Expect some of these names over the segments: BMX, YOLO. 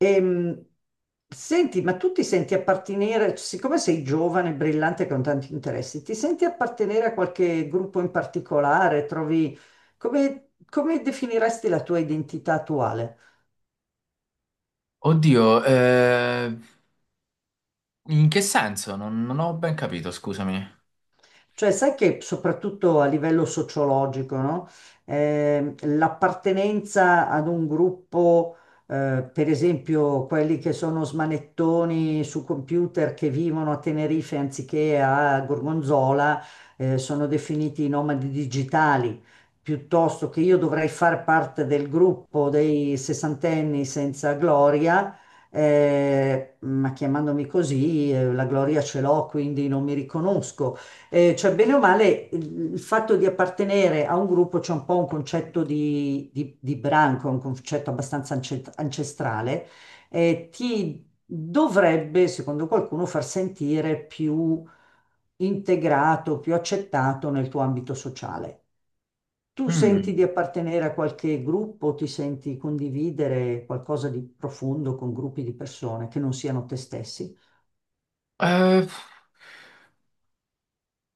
Ehm, Senti, ma tu ti senti appartenere, siccome sei giovane, brillante, con tanti interessi, ti senti appartenere a qualche gruppo in particolare? Trovi, come, come definiresti la tua identità attuale? Oddio, in che senso? Non ho ben capito, scusami. Cioè, sai che soprattutto a livello sociologico, no? L'appartenenza ad un gruppo, per esempio quelli che sono smanettoni su computer che vivono a Tenerife anziché a Gorgonzola, sono definiti i nomadi digitali, piuttosto che io dovrei far parte del gruppo dei sessantenni senza gloria. Ma chiamandomi così, la gloria ce l'ho, quindi non mi riconosco. Cioè, bene o male, il fatto di appartenere a un gruppo c'è un po' un concetto di branco, un concetto abbastanza ancestrale, ti dovrebbe, secondo qualcuno, far sentire più integrato, più accettato nel tuo ambito sociale. Tu senti di Mm. appartenere a qualche gruppo, ti senti condividere qualcosa di profondo con gruppi di persone che non siano te stessi? Eh,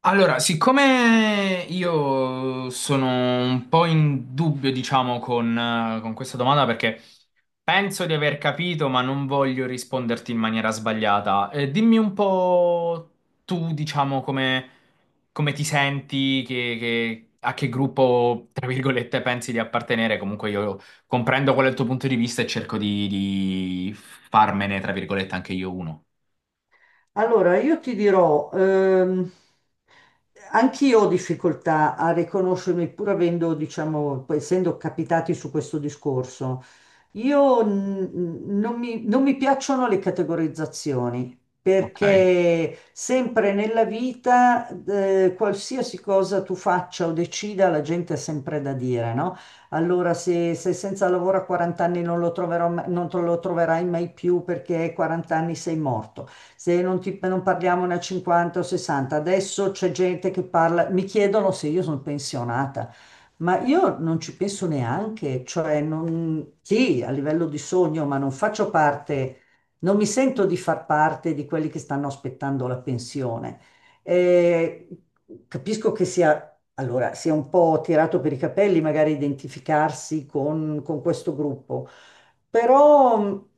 Allora, siccome io sono un po' in dubbio, diciamo, con questa domanda, perché penso di aver capito, ma non voglio risponderti in maniera sbagliata, dimmi un po' tu, diciamo, come ti senti, a che gruppo, tra virgolette, pensi di appartenere. Comunque io comprendo qual è il tuo punto di vista e cerco di farmene, tra virgolette, anche io uno. Allora, io ti dirò, anch'io ho difficoltà a riconoscermi, pur avendo, diciamo, poi essendo capitati su questo discorso. Io non mi piacciono le categorizzazioni Ok, perché sempre nella vita, qualsiasi cosa tu faccia o decida, la gente ha sempre da dire, no? Allora, se senza lavoro a 40 anni non lo troverò non te lo troverai mai più perché a 40 anni sei morto. Se non parliamo ne a 50 o 60, adesso c'è gente che parla, mi chiedono se io sono pensionata. Ma io non ci penso neanche, cioè non, sì, a livello di sogno, ma non faccio parte, non mi sento di far parte di quelli che stanno aspettando la pensione. Eh, Capisco che sia, allora, sia un po' tirato per i capelli magari identificarsi con questo gruppo, però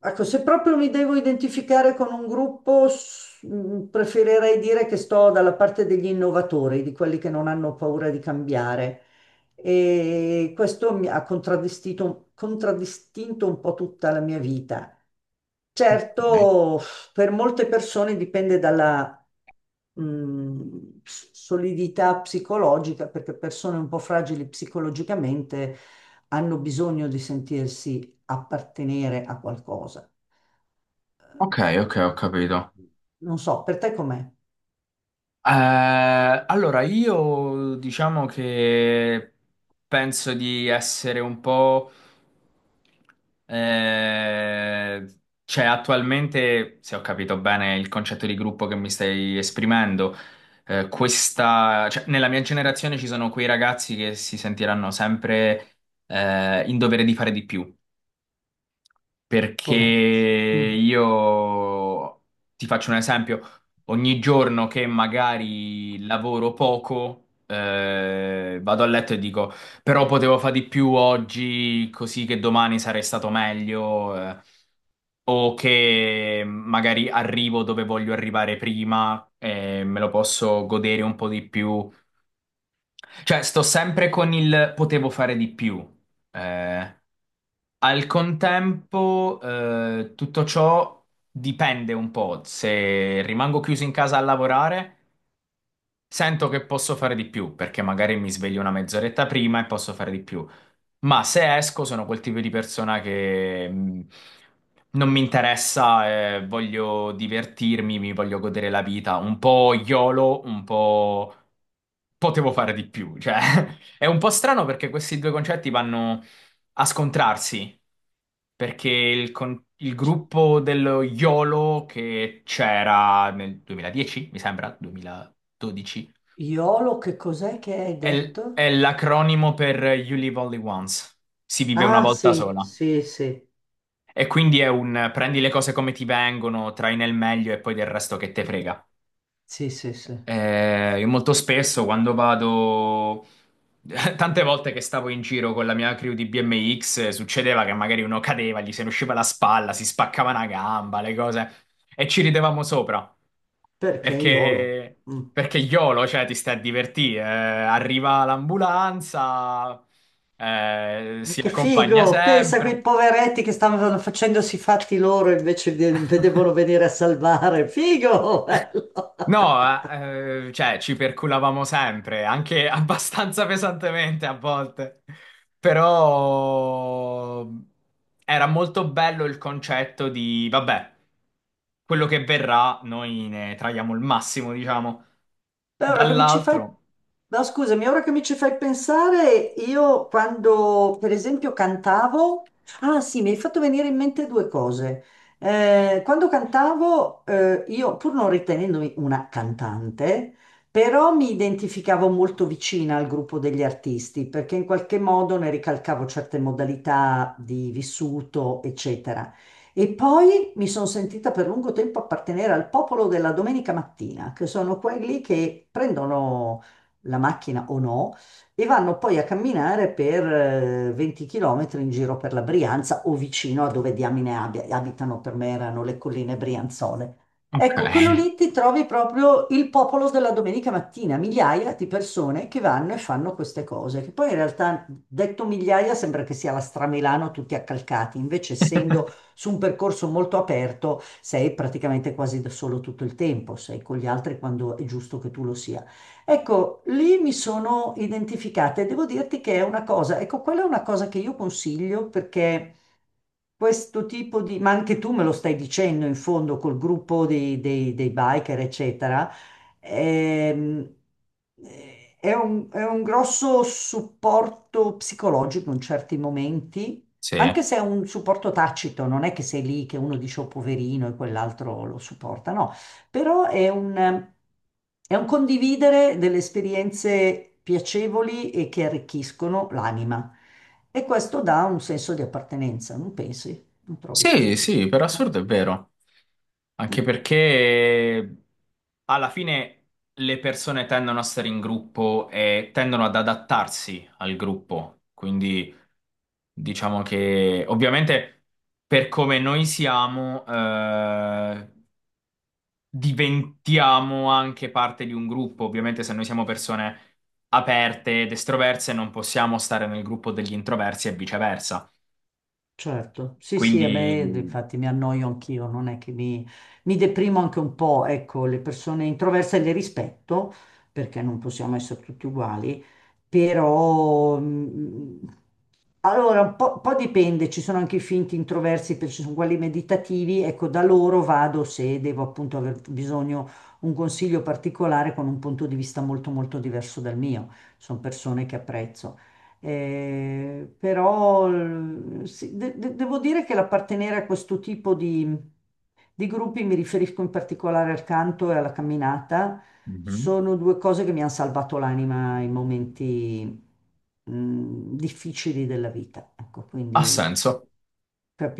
ecco, se proprio mi devo identificare con un gruppo, preferirei dire che sto dalla parte degli innovatori, di quelli che non hanno paura di cambiare e questo mi ha contraddistinto un po' tutta la mia vita. ok, Certo, per molte persone dipende dalla solidità psicologica, perché persone un po' fragili psicologicamente hanno bisogno di sentirsi appartenere a qualcosa. ok, ok, ho capito. Non so, per te com'è? Allora, io diciamo che penso di essere un po', eh, cioè attualmente, se ho capito bene il concetto di gruppo che mi stai esprimendo, questa, cioè, nella mia generazione ci sono quei ragazzi che si sentiranno sempre, in dovere di fare di più, perché Poveretti. Mm. io ti faccio un esempio. Ogni giorno che magari lavoro poco, vado a letto e dico però potevo fare di più oggi, così che domani sarei stato meglio, o che magari arrivo dove voglio arrivare prima e me lo posso godere un po' di più. Cioè, sto sempre con il potevo fare di più. Eh, Al contempo, tutto ciò dipende un po'. Se rimango chiuso in casa a lavorare, sento che posso fare di più, perché magari mi sveglio una mezz'oretta prima e posso fare di più. Ma se esco sono quel tipo di persona che non mi interessa, voglio divertirmi, mi voglio godere la vita, un po' YOLO, un po' potevo fare di più, cioè è un po' strano perché questi due concetti vanno a scontrarsi, perché il gruppo dello YOLO che c'era nel 2010, mi sembra, 2012 Iolo, che cos'è che hai è detto? l'acronimo per You Live Only Once. Si vive una Ah, volta sì, sola. sì, sì, E quindi è un prendi le cose come ti vengono, trai nel meglio e poi del resto che te frega. sì, sì, sì. Io molto spesso quando vado, tante volte che stavo in giro con la mia crew di BMX, succedeva che magari uno cadeva, gli se ne usciva la spalla, si spaccava una gamba, le cose, e ci ridevamo sopra. Perché Iolo? Perché, Mm. perché YOLO, cioè, ti stai a divertire. Arriva l'ambulanza, si Che accompagna figo! Pensa a sempre. quei poveretti che stavano facendosi i fatti loro invece vedevano venire a salvare. Figo! Bello! No, cioè ci perculavamo sempre, anche abbastanza pesantemente a volte, però era molto bello il concetto di, vabbè, quello che verrà, noi ne traiamo il massimo, diciamo, Beh, ora che mi ci fai... dall'altro. No, scusami, ora che mi ci fai pensare, io quando, per esempio, cantavo... Ah, sì, mi hai fatto venire in mente due cose. Quando cantavo, io, pur non ritenendomi una cantante, però mi identificavo molto vicina al gruppo degli artisti, perché in qualche modo ne ricalcavo certe modalità di vissuto, eccetera. E poi mi sono sentita per lungo tempo appartenere al popolo della domenica mattina, che sono quelli che prendono la macchina o no e vanno poi a camminare per 20 km in giro per la Brianza o vicino a dove diamine abitano, per me erano le colline brianzole. Ok. Ecco, quello lì ti trovi proprio il popolo della domenica mattina, migliaia di persone che vanno e fanno queste cose, che poi in realtà detto migliaia sembra che sia la Stramilano tutti accalcati, invece essendo su un percorso molto aperto sei praticamente quasi da solo tutto il tempo, sei con gli altri quando è giusto che tu lo sia. Ecco, lì mi sono identificata e devo dirti che è una cosa, ecco, quella è una cosa che io consiglio perché questo tipo di, ma anche tu me lo stai dicendo in fondo col gruppo dei biker, eccetera, ehm, eh, è un grosso supporto psicologico in certi momenti Sì, anche se è un supporto tacito, non è che sei lì che uno dice oh poverino e quell'altro lo supporta, no, però è un condividere delle esperienze piacevoli e che arricchiscono l'anima. E questo dà un senso di appartenenza, non pensi? Non trovi che sia sì, così? sì, per Eh? assurdo è vero. Anche Mm. perché alla fine le persone tendono a stare in gruppo e tendono ad adattarsi al gruppo. Quindi diciamo che ovviamente per come noi siamo, diventiamo anche parte di un gruppo. Ovviamente se noi siamo persone aperte ed estroverse non possiamo stare nel gruppo degli introversi e viceversa. Certo, sì, sì, e beh, Quindi. infatti mi annoio anch'io, non è che mi deprimo anche un po', ecco, le persone introverse le rispetto, perché non possiamo essere tutti uguali, però allora po' dipende, ci sono anche i finti introversi, ci sono quelli meditativi, ecco, da loro vado se devo appunto aver bisogno un consiglio particolare con un punto di vista molto molto diverso dal mio, sono persone che apprezzo. Però sì, devo dire che l'appartenere a questo tipo di gruppi, mi riferisco in particolare al canto e alla camminata, Mhm. sono due cose che mi hanno salvato l'anima in momenti difficili della vita. Ecco, Ha quindi senso,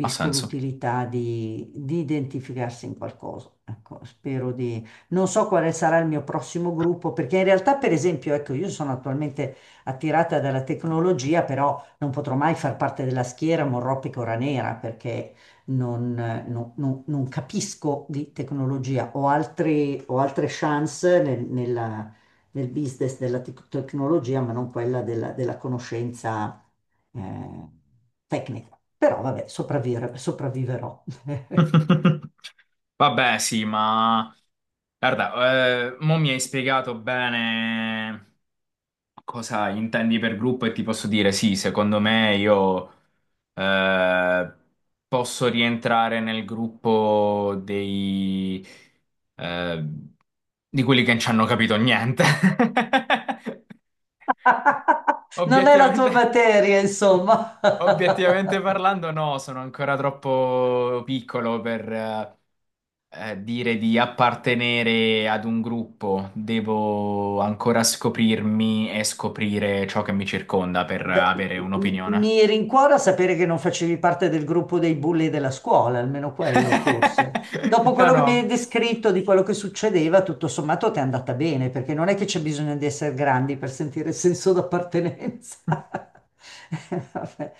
ha senso. l'utilità di identificarsi in qualcosa. Ecco, spero di... Non so quale sarà il mio prossimo gruppo, perché in realtà, per esempio, ecco, io sono attualmente attirata dalla tecnologia, però non potrò mai far parte della schiera Morroppi-Cora Nera perché non, non capisco di tecnologia. Ho altre chance nel business della tecnologia, ma non quella della, della conoscenza eh, tecnica. Però vabbè, sopravviverò. Vabbè, sì, ma. Guarda, mo mi hai spiegato bene cosa intendi per gruppo e ti posso dire sì, secondo me io eh, posso rientrare nel gruppo dei, eh, di quelli che non ci hanno capito niente. Non è la Obiettivamente, tua materia, insomma. obiettivamente parlando, no, sono ancora troppo piccolo per, dire di appartenere ad un gruppo. Devo ancora scoprirmi e scoprire ciò che mi circonda per Beh, avere un'opinione. mi rincuora sapere che non facevi parte del gruppo dei bulli della scuola, almeno quello forse. Dopo No, quello che mi no. hai descritto di quello che succedeva, tutto sommato ti è andata bene, perché non è che c'è bisogno di essere grandi per sentire senso d'appartenenza. Vabbè.